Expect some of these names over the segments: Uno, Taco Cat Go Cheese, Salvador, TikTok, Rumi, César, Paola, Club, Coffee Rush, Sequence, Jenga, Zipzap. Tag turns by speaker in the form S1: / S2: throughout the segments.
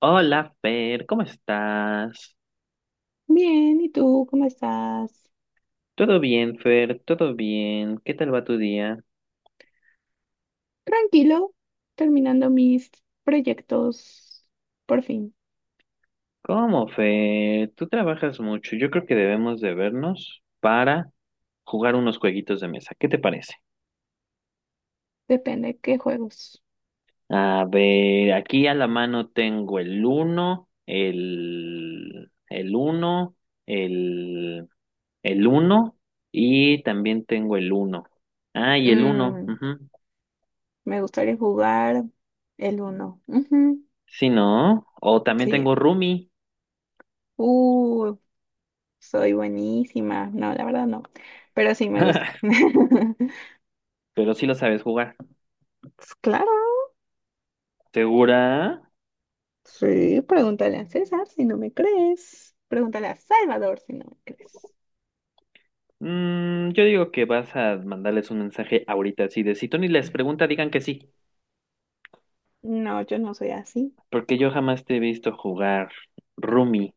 S1: Hola, Fer, ¿cómo estás?
S2: Bien, ¿y tú cómo estás?
S1: Todo bien, Fer, todo bien. ¿Qué tal va tu día?
S2: Tranquilo, terminando mis proyectos por fin.
S1: ¿Cómo, Fer? Tú trabajas mucho. Yo creo que debemos de vernos para jugar unos jueguitos de mesa. ¿Qué te parece?
S2: Depende qué juegos.
S1: A ver, aquí a la mano tengo el uno, el uno, el, el uno y también tengo el uno. Ah, y el uno.
S2: Mm,
S1: Ujú.
S2: me gustaría jugar el uno. Ujú,
S1: Sí, ¿no? O también tengo
S2: sí.
S1: Rumi.
S2: Uh, soy buenísima. No, la verdad no. Pero sí me gusta.
S1: Pero sí lo sabes jugar.
S2: Pues claro,
S1: ¿Segura?
S2: sí. Pregúntale a César si no me crees. Pregúntale a Salvador si no me crees.
S1: Yo digo que vas a mandarles un mensaje ahorita así de si Tony les pregunta, digan que sí,
S2: No, yo no soy así.
S1: porque yo jamás te he visto jugar Rumi.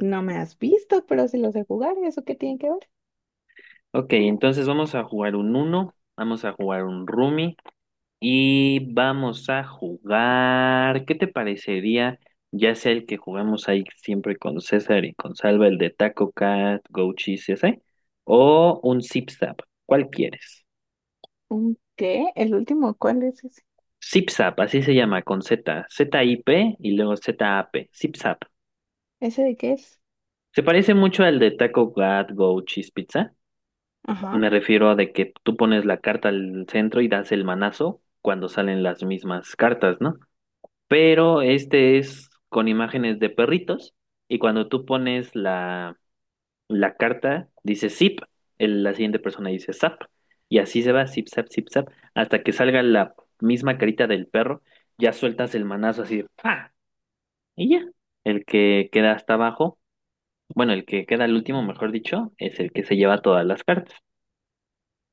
S2: No me has visto, pero si lo sé jugar, ¿eso qué tiene que ver?
S1: Ok, entonces vamos a jugar un uno, vamos a jugar un Rumi y vamos a jugar. ¿Qué te parecería? Ya sea el que jugamos ahí siempre con César y con Salva, el de Taco Cat, Go Cheese, ese, o un Zip Zap. ¿Cuál quieres?
S2: ¿Un qué? ¿El último? ¿Cuál es ese?
S1: Zipzap, así se llama, con Z. ZIP y luego ZAP. Zipzap.
S2: ¿Ese de qué es?
S1: Se parece mucho al de Taco God Go Cheese Pizza.
S2: Ajá.
S1: Me refiero a de que tú pones la carta al centro y das el manazo cuando salen las mismas cartas, ¿no? Pero este es con imágenes de perritos y cuando tú pones la carta, dice zip, la siguiente persona dice zap y así se va, zip, zap, hasta que salga la misma carita del perro, ya sueltas el manazo así, ¡pa! Y ya, el que queda hasta abajo, bueno, el que queda al último, mejor dicho, es el que se lleva todas las cartas.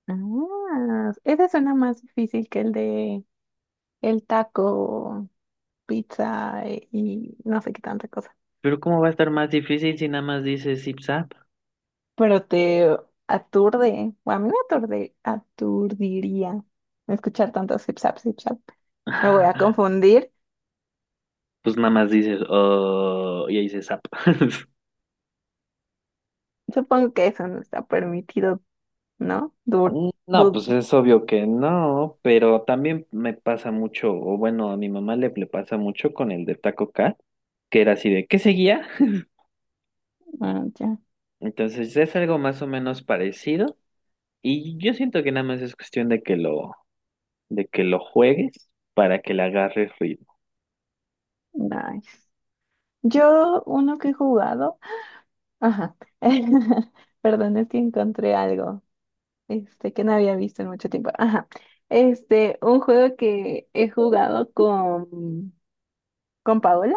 S2: Ah, ese suena más difícil que el de el taco, pizza y no sé qué tanta cosa.
S1: Pero ¿cómo va a estar más difícil si nada más dices zip zap?
S2: Pero te aturde. O a mí me aturde, aturdiría escuchar tanto zip zap, zip zap. Me voy a confundir.
S1: Pues nada más dices, oh, y ahí dices zap.
S2: Supongo que eso no está permitido, ¿no? Dur,
S1: Mm, no,
S2: dur,
S1: pues es obvio que no, pero también me pasa mucho, o bueno, a mi mamá le pasa mucho con el de Taco Cat, que era así de, ¿qué seguía?
S2: ah, ya.
S1: Entonces es algo más o menos parecido y yo siento que nada más es cuestión de de que lo juegues para que le agarres ritmo.
S2: Nice. Yo, uno que he jugado. Ajá. Perdón, es que encontré algo este, que no había visto en mucho tiempo. Ajá. Este, un juego que he jugado con Paola.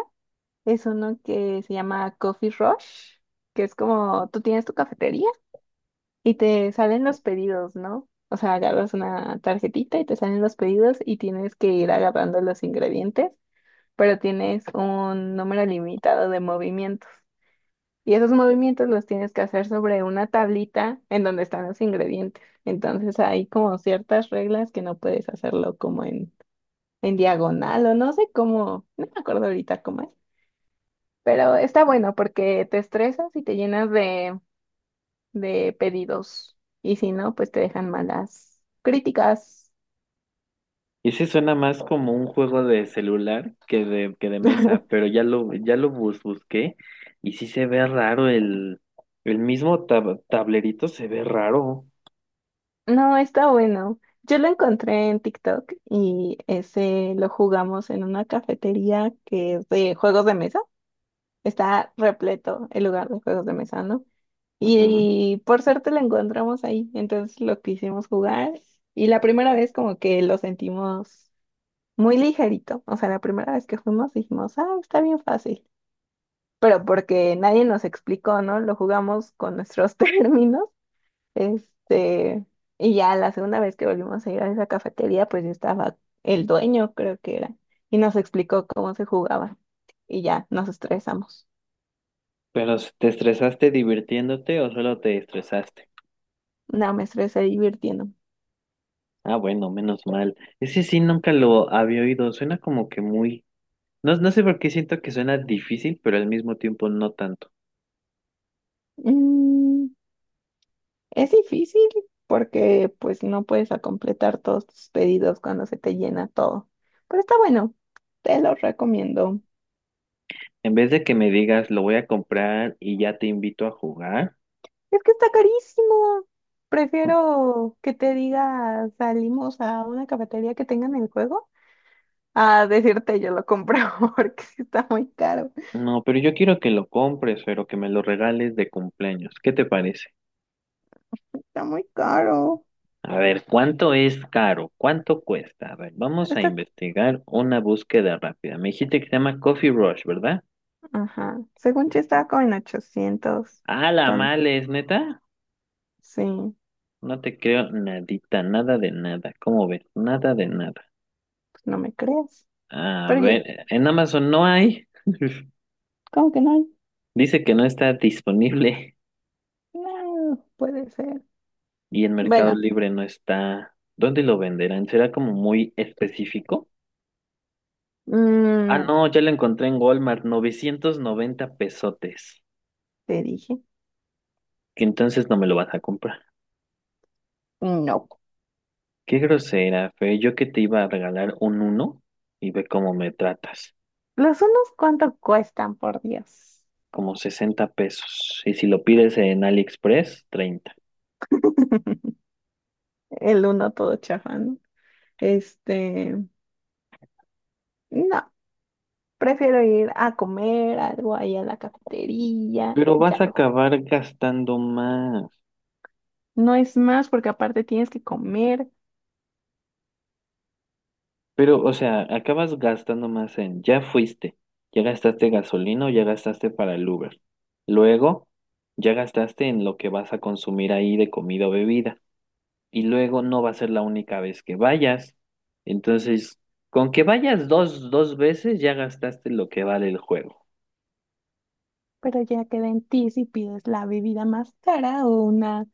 S2: Es uno que se llama Coffee Rush, que es como tú tienes tu cafetería y te salen los pedidos, ¿no? O sea, agarras una tarjetita y te salen los pedidos y tienes que ir agarrando los ingredientes, pero tienes un número limitado de movimientos. Y esos movimientos los tienes que hacer sobre una tablita en donde están los ingredientes. Entonces hay como ciertas reglas que no puedes hacerlo como en diagonal o no sé cómo, no me acuerdo ahorita cómo es. Pero está bueno porque te estresas y te llenas de pedidos. Y si no, pues te dejan malas críticas.
S1: Y sí suena más como un juego de celular que de mesa, pero ya lo busqué y sí se ve raro el mismo tablerito se ve raro.
S2: No, está bueno. Yo lo encontré en TikTok y ese lo jugamos en una cafetería que es de juegos de mesa. Está repleto el lugar de juegos de mesa, ¿no?
S1: Ujú.
S2: Y, por suerte lo encontramos ahí. Entonces lo quisimos jugar y la primera vez como que lo sentimos muy ligerito. O sea, la primera vez que fuimos dijimos, ah, está bien fácil. Pero porque nadie nos explicó, ¿no? Lo jugamos con nuestros términos. Este, y ya la segunda vez que volvimos a ir a esa cafetería, pues ya estaba el dueño, creo que era, y nos explicó cómo se jugaba. Y ya nos estresamos.
S1: Pero ¿te estresaste divirtiéndote o solo te estresaste?
S2: No, me estresé divirtiendo.
S1: Ah, bueno, menos mal. Ese sí nunca lo había oído. Suena como que muy... No, no sé por qué siento que suena difícil, pero al mismo tiempo no tanto.
S2: Mm. Es difícil porque pues no puedes a completar todos tus pedidos cuando se te llena todo. Pero está bueno, te lo recomiendo.
S1: En vez de que me digas, lo voy a comprar y ya te invito a jugar.
S2: Es que está carísimo.
S1: co-
S2: Prefiero que te diga salimos a una cafetería que tengan el juego a decirte yo lo compro porque sí está muy caro.
S1: No, pero yo quiero que lo compres, pero que me lo regales de cumpleaños. ¿Qué te parece?
S2: Está muy caro.
S1: A ver, ¿cuánto es caro? ¿Cuánto cuesta? A ver, vamos a
S2: Está,
S1: investigar una búsqueda rápida. Me dijiste que se llama Coffee Rush, ¿verdad?
S2: ajá. Según yo estaba como en 800.
S1: Ah, la
S2: Entonces,
S1: mala es neta.
S2: sí,
S1: No te creo nadita, nada de nada. ¿Cómo ves? Nada de nada.
S2: pues no me crees.
S1: A
S2: Pero yo,
S1: ver, en Amazon no hay.
S2: ¿cómo que no? Hay.
S1: Dice que no está disponible.
S2: No, puede ser.
S1: Y en Mercado
S2: Bueno,
S1: Libre no está. ¿Dónde lo venderán? ¿Será como muy específico? Ah,
S2: mm,
S1: no, ya lo encontré en Walmart, 990 pesotes.
S2: te dije,
S1: Que entonces no me lo vas a comprar.
S2: no.
S1: Qué grosera, Fe. Yo que te iba a regalar un uno y ve cómo me tratas.
S2: Los unos, ¿cuánto cuestan, por Dios?
S1: Como 60 pesos. Y si lo pides en AliExpress, 30.
S2: El uno todo chafa, ¿no? Este, no, prefiero ir a comer algo ahí a la cafetería,
S1: Pero vas
S2: ya
S1: a
S2: luego.
S1: acabar gastando más.
S2: No es más porque aparte tienes que comer,
S1: Pero, o sea, acabas gastando más en, ya fuiste, ya gastaste gasolina, o ya gastaste para el Uber. Luego, ya gastaste en lo que vas a consumir ahí de comida o bebida. Y luego no va a ser la única vez que vayas. Entonces, con que vayas dos, dos veces, ya gastaste lo que vale el juego.
S2: pero ya queda en ti si pides la bebida más cara o una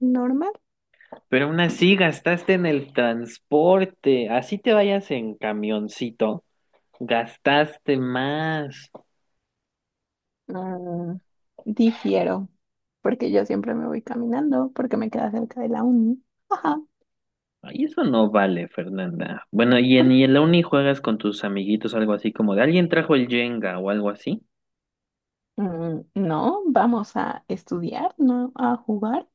S2: normal.
S1: Pero aún así, gastaste en el transporte. Así te vayas en camioncito, gastaste más.
S2: Mm, difiero, porque yo siempre me voy caminando porque me queda cerca de la uni. Ajá.
S1: Ay, eso no vale, Fernanda. Bueno, y en la uni juegas con tus amiguitos, algo así como de alguien trajo el Jenga o algo así.
S2: Mm, no, vamos a estudiar, no a jugar.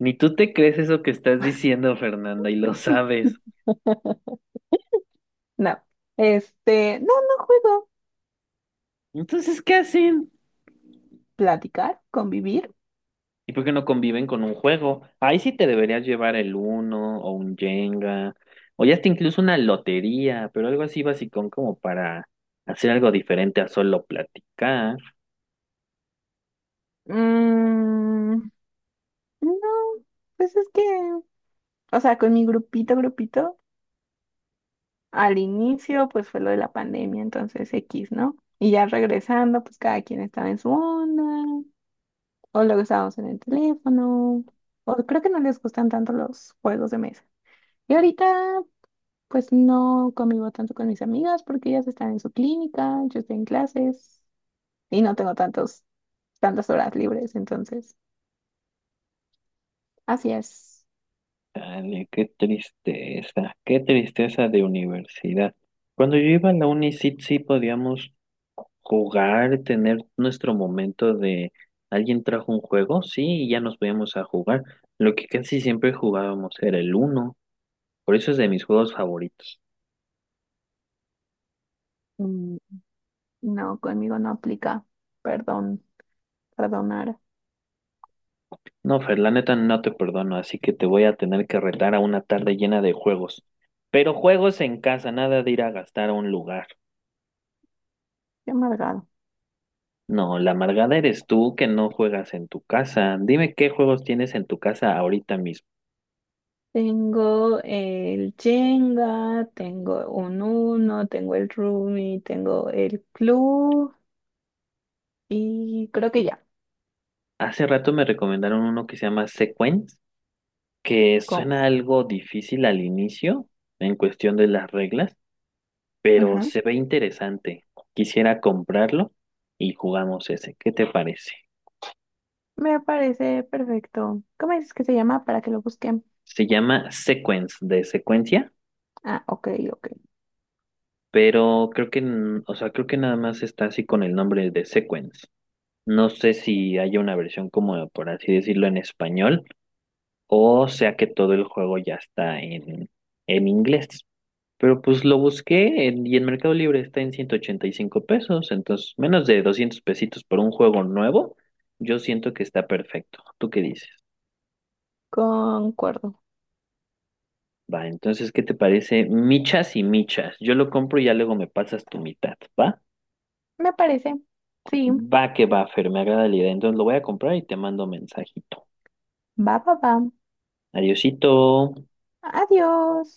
S1: Ni tú te crees eso que estás diciendo, Fernanda, y lo sabes.
S2: No, este, no, no juego.
S1: Entonces, ¿qué hacen?
S2: Platicar, convivir.
S1: ¿Y por qué no conviven con un juego? Ahí sí te deberías llevar el uno o un Jenga, o ya hasta incluso una lotería, pero algo así basicón como para hacer algo diferente a solo platicar.
S2: Mm, no, pues es que, o sea, con mi grupito, grupito, al inicio, pues fue lo de la pandemia, entonces X, ¿no? Y ya regresando, pues cada quien estaba en su onda, o luego estábamos en el teléfono, o creo que no les gustan tanto los juegos de mesa. Y ahorita pues no convivo tanto con mis amigas porque ellas están en su clínica, yo estoy en clases y no tengo tantas horas libres, entonces, así es.
S1: Dale, qué tristeza de universidad. Cuando yo iba a la uni, sí, sí podíamos jugar, tener nuestro momento de alguien trajo un juego, sí, y ya nos podíamos a jugar. Lo que casi siempre jugábamos era el uno, por eso es de mis juegos favoritos.
S2: Mm, no, conmigo no aplica. Perdón, perdonar.
S1: No, Fer, la neta no te perdono, así que te voy a tener que retar a una tarde llena de juegos. Pero juegos en casa, nada de ir a gastar a un lugar.
S2: Qué amargado.
S1: No, la amargada eres tú que no juegas en tu casa. Dime qué juegos tienes en tu casa ahorita mismo.
S2: Tengo el Jenga, tengo un Uno, tengo el Rumi, tengo el Club y creo que ya.
S1: Hace rato me recomendaron uno que se llama Sequence, que
S2: Go.
S1: suena algo difícil al inicio en cuestión de las reglas, pero
S2: Ujú.
S1: se ve interesante. Quisiera comprarlo y jugamos ese. ¿Qué te parece?
S2: Me parece perfecto. ¿Cómo es que se llama para que lo busquen?
S1: Se llama Sequence, de secuencia,
S2: Ah, ok, ok.
S1: pero creo que, o sea, creo que nada más está así con el nombre de Sequence. No sé si hay una versión como, por así decirlo, en español. O sea que todo el juego ya está en inglés. Pero pues lo y en Mercado Libre está en 185 pesos. Entonces, menos de 200 pesitos por un juego nuevo, yo siento que está perfecto. ¿Tú qué dices?
S2: Concuerdo.
S1: Va, entonces, ¿qué te parece? Michas y michas. Yo lo compro y ya luego me pasas tu mitad, ¿va?
S2: Me parece. Sí.
S1: Va que va, Fer, me agrada la idea. Entonces lo voy a comprar y te mando mensajito.
S2: Va, va, va.
S1: Adiosito.
S2: Adiós.